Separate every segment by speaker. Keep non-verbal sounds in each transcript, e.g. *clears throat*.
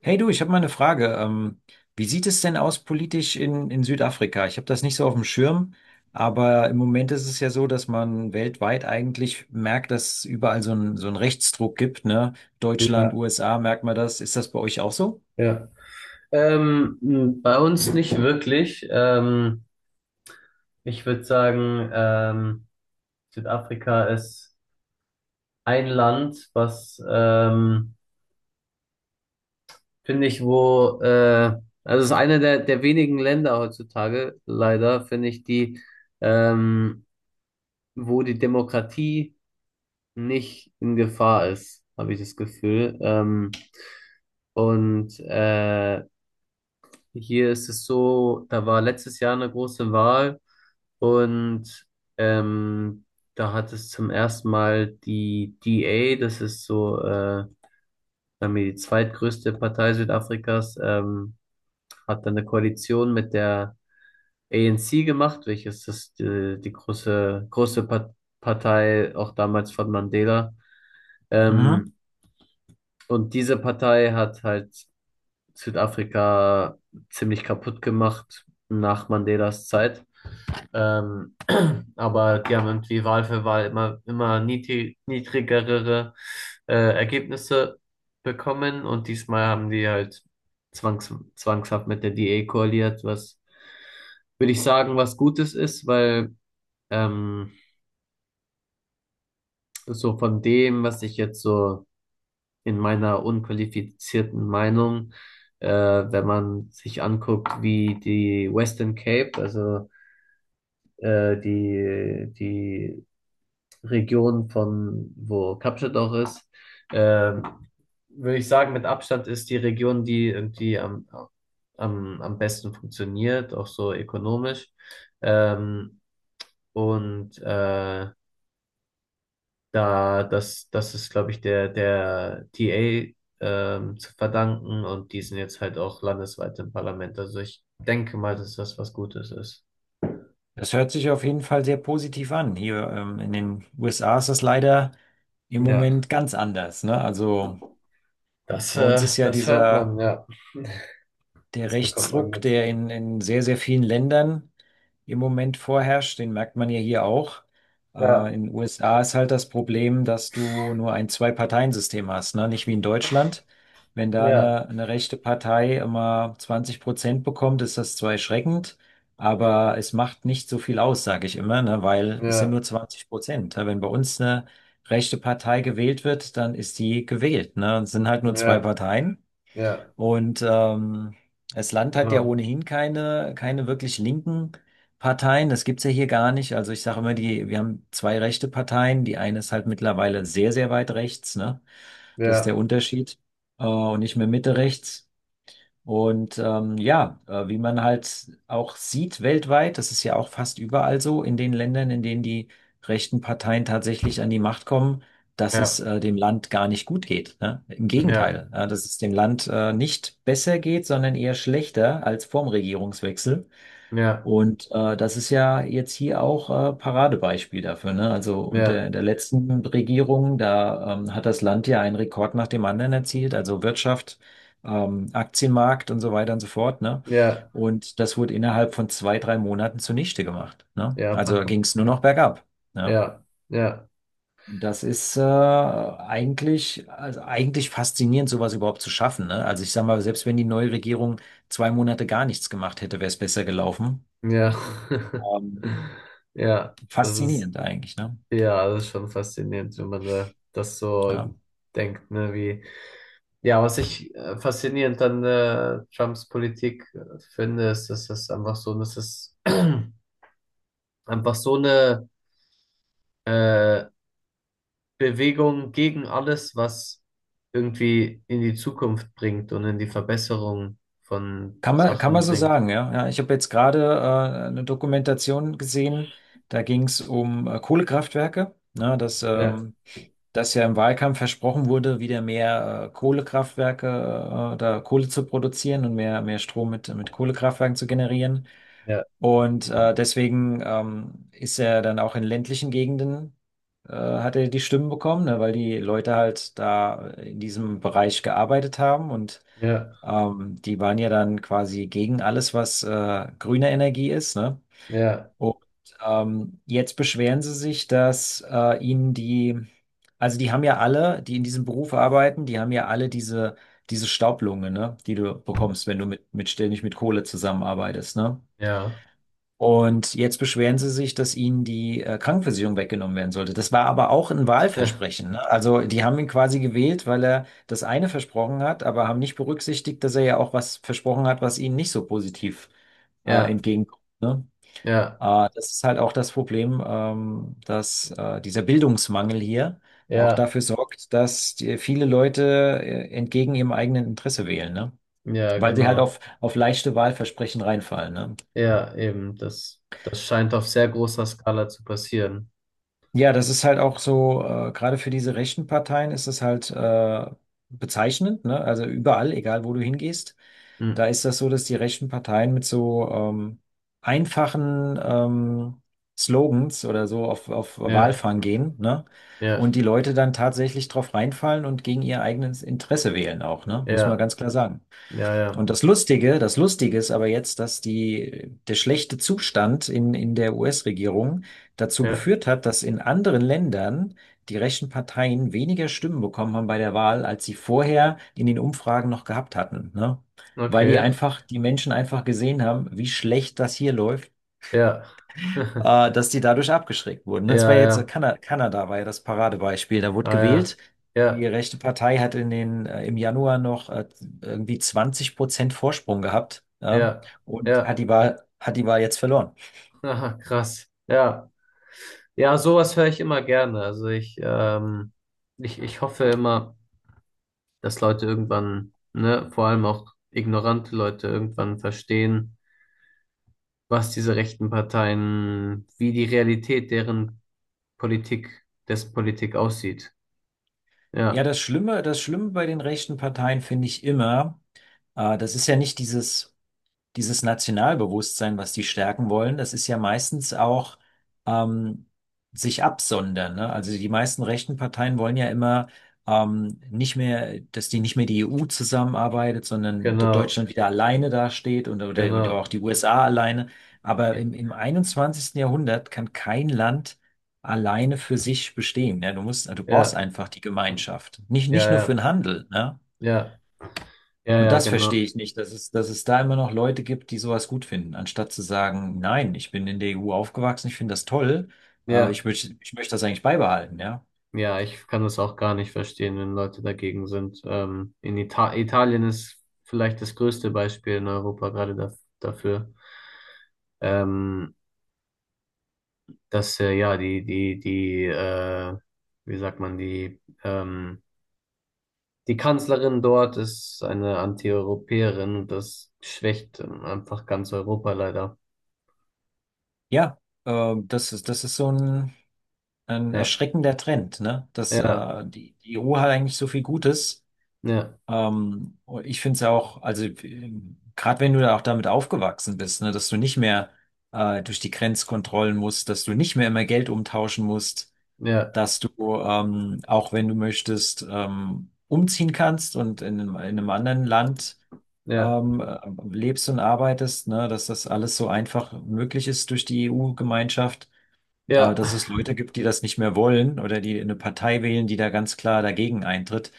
Speaker 1: Hey du, ich habe mal eine Frage. Wie sieht es denn aus politisch in Südafrika? Ich habe das nicht so auf dem Schirm, aber im Moment ist es ja so, dass man weltweit eigentlich merkt, dass es überall so einen Rechtsdruck gibt, ne? Deutschland,
Speaker 2: Ja,
Speaker 1: USA, merkt man das. Ist das bei euch auch so?
Speaker 2: ja. Bei uns nicht wirklich. Ich würde sagen, Südafrika ist ein Land, was, finde ich, wo, also es ist eine der wenigen Länder heutzutage, leider, finde ich, die, ähm, wo die Demokratie nicht in Gefahr ist, habe ich das Gefühl. Und hier ist es so, da war letztes Jahr eine große Wahl und ähm, da hat es zum ersten Mal die DA, das ist so sagen wir die zweitgrößte Partei Südafrikas, hat dann eine Koalition mit der ANC gemacht, welches das die große, große Partei auch damals von Mandela.
Speaker 1: Mhm.
Speaker 2: Ähm, und diese Partei hat halt Südafrika ziemlich kaputt gemacht nach Mandelas Zeit. Ähm, *clears throat* aber die haben irgendwie Wahl für Wahl immer, immer niedrigere Ergebnisse bekommen und diesmal haben die halt zwangshaft mit der DA koaliert, was würde ich sagen, was Gutes ist, weil ähm, so von dem, was ich jetzt so in meiner unqualifizierten Meinung, wenn man sich anguckt, wie die Western Cape, also die Region von wo Kapstadt auch ist, äh, würde ich sagen, mit Abstand ist die Region, die irgendwie am besten funktioniert, auch so ökonomisch. Ähm, und da, das ist, glaube ich, der TA zu verdanken, und die sind jetzt halt auch landesweit im Parlament. Also ich denke mal, dass das was Gutes ist.
Speaker 1: Das hört sich auf jeden Fall sehr positiv an. Hier, in den USA ist das leider im
Speaker 2: Ja,
Speaker 1: Moment ganz anders, ne? Also
Speaker 2: das,
Speaker 1: bei uns
Speaker 2: äh,
Speaker 1: ist ja
Speaker 2: das hört
Speaker 1: dieser
Speaker 2: man, ja.
Speaker 1: der
Speaker 2: Das bekommt man
Speaker 1: Rechtsruck,
Speaker 2: mit.
Speaker 1: der in sehr, sehr vielen Ländern im Moment vorherrscht, den merkt man ja hier auch.
Speaker 2: Ja,
Speaker 1: In den USA ist halt das Problem, dass du nur ein Zwei-Parteien-System hast, ne? Nicht wie in Deutschland. Wenn da
Speaker 2: ja,
Speaker 1: eine rechte Partei immer 20% bekommt, ist das zwar erschreckend, aber es macht nicht so viel aus, sage ich immer, ne? Weil es sind
Speaker 2: ja,
Speaker 1: nur 20%. Ja, wenn bei uns eine rechte Partei gewählt wird, dann ist die gewählt, ne? Es sind halt nur zwei
Speaker 2: ja,
Speaker 1: Parteien.
Speaker 2: ja,
Speaker 1: Und das Land hat ja
Speaker 2: genau.
Speaker 1: ohnehin keine wirklich linken Parteien. Das gibt's ja hier gar nicht. Also ich sage immer, wir haben zwei rechte Parteien. Die eine ist halt mittlerweile sehr, sehr weit rechts, ne? Das ist der
Speaker 2: Ja,
Speaker 1: Unterschied. Und nicht mehr Mitte rechts. Und wie man halt auch sieht weltweit, das ist ja auch fast überall so, in den Ländern, in denen die rechten Parteien tatsächlich an die Macht kommen, dass es
Speaker 2: ja,
Speaker 1: dem Land gar nicht gut geht. Ne? Im
Speaker 2: ja,
Speaker 1: Gegenteil, dass es dem Land nicht besser geht, sondern eher schlechter als vorm Regierungswechsel.
Speaker 2: ja,
Speaker 1: Und das ist ja jetzt hier auch Paradebeispiel dafür, ne? Also unter
Speaker 2: ja,
Speaker 1: der letzten Regierung, da hat das Land ja einen Rekord nach dem anderen erzielt, also Wirtschaft, Aktienmarkt und so weiter und so fort, ne?
Speaker 2: ja,
Speaker 1: Und das wurde innerhalb von 2, 3 Monaten zunichte gemacht, ne?
Speaker 2: ja, einfach
Speaker 1: Also ging es nur noch
Speaker 2: kaputt.
Speaker 1: bergab, ne?
Speaker 2: Ja, ja,
Speaker 1: Das ist eigentlich, also eigentlich faszinierend, sowas überhaupt zu schaffen, ne? Also ich sag mal, selbst wenn die neue Regierung 2 Monate gar nichts gemacht hätte, wäre es besser gelaufen.
Speaker 2: ja. *laughs*
Speaker 1: Ähm,
Speaker 2: Ja, das ist.
Speaker 1: Faszinierend eigentlich, ne?
Speaker 2: Ja, das ist schon faszinierend, wenn man da das so
Speaker 1: Ja.
Speaker 2: denkt, ne, wie. Ja, was ich faszinierend an Trumps Politik finde, ist, dass es einfach so, dass es *clears throat* einfach so eine äh, Bewegung gegen alles, was irgendwie in die Zukunft bringt und in die Verbesserung von
Speaker 1: Kann man, kann
Speaker 2: Sachen
Speaker 1: man so
Speaker 2: bringt.
Speaker 1: sagen, ja. Ja, ich habe jetzt gerade eine Dokumentation gesehen, da ging es um Kohlekraftwerke, ne,
Speaker 2: Ja,
Speaker 1: dass ja im Wahlkampf versprochen wurde, wieder mehr Kohlekraftwerke, da Kohle zu produzieren und mehr, mehr Strom mit Kohlekraftwerken zu generieren.
Speaker 2: ja,
Speaker 1: Und deswegen ist er dann auch in ländlichen Gegenden, hat er die Stimmen bekommen, ne, weil die Leute halt da in diesem Bereich gearbeitet haben und
Speaker 2: ja,
Speaker 1: Die waren ja dann quasi gegen alles, was grüne Energie ist, ne?
Speaker 2: ja,
Speaker 1: Und jetzt beschweren sie sich, dass also die haben ja alle, die in diesem Beruf arbeiten, die haben ja alle diese Staublunge, ne? Die du bekommst, wenn du mit ständig mit Kohle zusammenarbeitest, ne?
Speaker 2: ja,
Speaker 1: Und jetzt beschweren sie sich, dass ihnen die Krankenversicherung weggenommen werden sollte. Das war aber auch ein
Speaker 2: *laughs* ja,
Speaker 1: Wahlversprechen. Ne? Also die haben ihn quasi gewählt, weil er das eine versprochen hat, aber haben nicht berücksichtigt, dass er ja auch was versprochen hat, was ihnen nicht so positiv
Speaker 2: ja,
Speaker 1: entgegenkommt. Ne?
Speaker 2: ja,
Speaker 1: Das ist halt auch das Problem, dass dieser Bildungsmangel hier auch
Speaker 2: ja,
Speaker 1: dafür sorgt, dass viele Leute entgegen ihrem eigenen Interesse wählen, ne?
Speaker 2: ja,
Speaker 1: Weil sie halt
Speaker 2: genau.
Speaker 1: auf leichte Wahlversprechen reinfallen. Ne?
Speaker 2: Ja, eben, das scheint auf sehr großer Skala zu passieren.
Speaker 1: Ja, das ist halt auch so, gerade für diese rechten Parteien ist es halt bezeichnend, ne? Also überall, egal wo du hingehst,
Speaker 2: Hm.
Speaker 1: da ist das so, dass die rechten Parteien mit so einfachen Slogans oder so auf
Speaker 2: Ja,
Speaker 1: Wahlfang gehen, ne?
Speaker 2: ja,
Speaker 1: Und die Leute dann tatsächlich drauf reinfallen und gegen ihr eigenes Interesse wählen auch, ne? Muss man
Speaker 2: ja,
Speaker 1: ganz klar sagen.
Speaker 2: ja, ja,
Speaker 1: Und das Lustige ist aber jetzt, dass der schlechte Zustand in der US-Regierung dazu
Speaker 2: ja,
Speaker 1: geführt hat, dass in anderen Ländern die rechten Parteien weniger Stimmen bekommen haben bei der Wahl, als sie vorher in den Umfragen noch gehabt hatten, ne? Weil
Speaker 2: okay,
Speaker 1: die Menschen einfach gesehen haben, wie schlecht das hier läuft
Speaker 2: ja, *laughs*
Speaker 1: dass die dadurch abgeschreckt wurden. Ne? Das war
Speaker 2: ja,
Speaker 1: ja jetzt
Speaker 2: ja,
Speaker 1: Kanada, Kanada war ja das Paradebeispiel. Da wurde
Speaker 2: ah,
Speaker 1: gewählt.
Speaker 2: ja,
Speaker 1: Die
Speaker 2: ja,
Speaker 1: rechte Partei hat im Januar noch irgendwie 20% Vorsprung gehabt, ja,
Speaker 2: ja,
Speaker 1: und hat
Speaker 2: ja,
Speaker 1: hat die Wahl jetzt verloren.
Speaker 2: aha, krass, ja, ja, sowas höre ich immer gerne. Also ich hoffe immer, dass Leute irgendwann, ne, vor allem auch ignorante Leute irgendwann verstehen, was diese rechten Parteien, wie die Realität deren Politik, dessen Politik aussieht.
Speaker 1: Ja,
Speaker 2: Ja,
Speaker 1: das Schlimme bei den rechten Parteien finde ich immer, das ist ja nicht dieses Nationalbewusstsein, was die stärken wollen, das ist ja meistens auch ähm, sich absondern. Ne? Also die meisten rechten Parteien wollen ja immer nicht mehr, dass die nicht mehr die EU zusammenarbeitet, sondern dass
Speaker 2: genau,
Speaker 1: Deutschland wieder alleine dasteht und oder auch
Speaker 2: genau.
Speaker 1: die USA alleine. Aber im 21. Jahrhundert kann kein Land alleine für sich bestehen. Ne? Du brauchst
Speaker 2: Ja,
Speaker 1: einfach die Gemeinschaft.
Speaker 2: ja,
Speaker 1: Nicht nur für
Speaker 2: ja,
Speaker 1: den Handel, ne?
Speaker 2: ja, ja,
Speaker 1: Und
Speaker 2: ja,
Speaker 1: das verstehe
Speaker 2: genau.
Speaker 1: ich nicht, dass es da immer noch Leute gibt, die sowas gut finden, anstatt zu sagen, nein, ich bin in der EU aufgewachsen, ich finde das toll,
Speaker 2: Ja,
Speaker 1: ich möchte das eigentlich beibehalten, ja.
Speaker 2: ja, ich kann das auch gar nicht verstehen, wenn Leute dagegen sind. In Italien ist vielleicht das größte Beispiel in Europa gerade da dafür, ähm, dass ja die wie sagt man die Kanzlerin dort ist eine Antieuropäerin und das schwächt einfach ganz Europa leider.
Speaker 1: Ja, das ist so ein
Speaker 2: Ja,
Speaker 1: erschreckender Trend, ne? Dass
Speaker 2: ja,
Speaker 1: die EU hat eigentlich so viel Gutes.
Speaker 2: ja,
Speaker 1: Und ich finde es ja auch, also gerade wenn du da auch damit aufgewachsen bist, ne, dass du nicht mehr durch die Grenzkontrollen musst, dass du nicht mehr immer Geld umtauschen musst,
Speaker 2: ja,
Speaker 1: dass du, auch wenn du möchtest, umziehen kannst und in einem anderen Land
Speaker 2: ja,
Speaker 1: ähm, äh, lebst und arbeitest, ne, dass das alles so einfach möglich ist durch die EU-Gemeinschaft,
Speaker 2: ja,
Speaker 1: dass es Leute gibt, die das nicht mehr wollen oder die eine Partei wählen, die da ganz klar dagegen eintritt,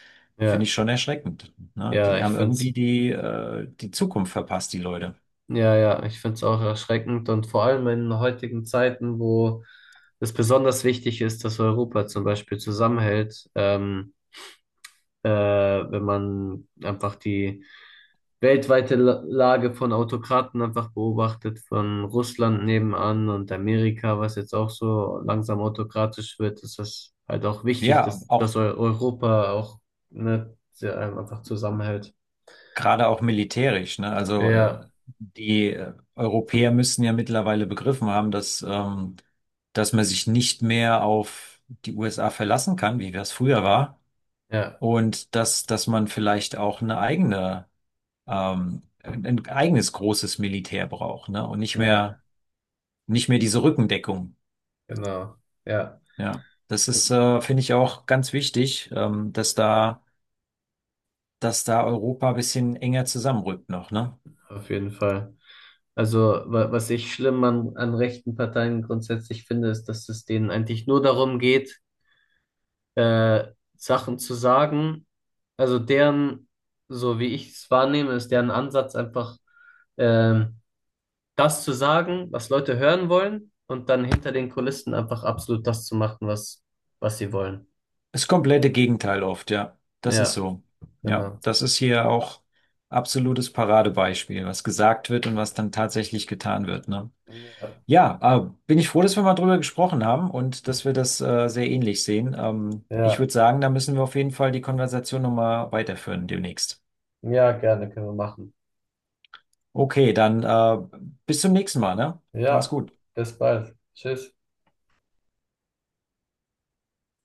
Speaker 1: finde ich
Speaker 2: ja,
Speaker 1: schon erschreckend. Ne?
Speaker 2: ja,
Speaker 1: Die
Speaker 2: ich
Speaker 1: haben
Speaker 2: find's,
Speaker 1: irgendwie die Zukunft verpasst, die Leute.
Speaker 2: ja, ja, ich find's auch erschreckend und vor allem in heutigen Zeiten, wo es besonders wichtig ist, dass Europa zum Beispiel zusammenhält, wenn man einfach die weltweite Lage von Autokraten einfach beobachtet, von Russland nebenan und Amerika, was jetzt auch so langsam autokratisch wird, ist das halt auch wichtig,
Speaker 1: Ja,
Speaker 2: dass
Speaker 1: auch.
Speaker 2: Europa auch, ne, sehr einfach zusammenhält.
Speaker 1: Gerade auch militärisch, ne? Also
Speaker 2: Ja,
Speaker 1: die Europäer müssen ja mittlerweile begriffen haben, dass man sich nicht mehr auf die USA verlassen kann, wie das früher war,
Speaker 2: ja,
Speaker 1: und dass man vielleicht auch eine eigene, ein eigenes großes Militär braucht, ne? Und
Speaker 2: ja,
Speaker 1: nicht mehr diese Rückendeckung.
Speaker 2: genau. Ja,
Speaker 1: Ja. Das
Speaker 2: genau,
Speaker 1: ist, finde ich auch ganz wichtig, dass da Europa ein bisschen enger zusammenrückt noch, ne?
Speaker 2: auf jeden Fall. Also, was ich schlimm an rechten Parteien grundsätzlich finde, ist, dass es denen eigentlich nur darum geht, äh, Sachen zu sagen. Also deren, so wie ich es wahrnehme, ist deren Ansatz einfach ähm, das zu sagen, was Leute hören wollen, und dann hinter den Kulissen einfach absolut das zu machen, was sie wollen.
Speaker 1: Das komplette Gegenteil oft, ja. Das ist
Speaker 2: Ja,
Speaker 1: so. Ja,
Speaker 2: genau.
Speaker 1: das ist hier auch absolutes Paradebeispiel, was gesagt wird und was dann tatsächlich getan wird, ne?
Speaker 2: Ja,
Speaker 1: Ja, bin ich froh, dass wir mal drüber gesprochen haben und dass wir das sehr ähnlich sehen. Ich
Speaker 2: ja,
Speaker 1: würde sagen, da müssen wir auf jeden Fall die Konversation nochmal weiterführen demnächst.
Speaker 2: ja, gerne können wir machen.
Speaker 1: Okay, dann bis zum nächsten Mal, ne? Mach's
Speaker 2: Ja,
Speaker 1: gut.
Speaker 2: bis bald. Tschüss.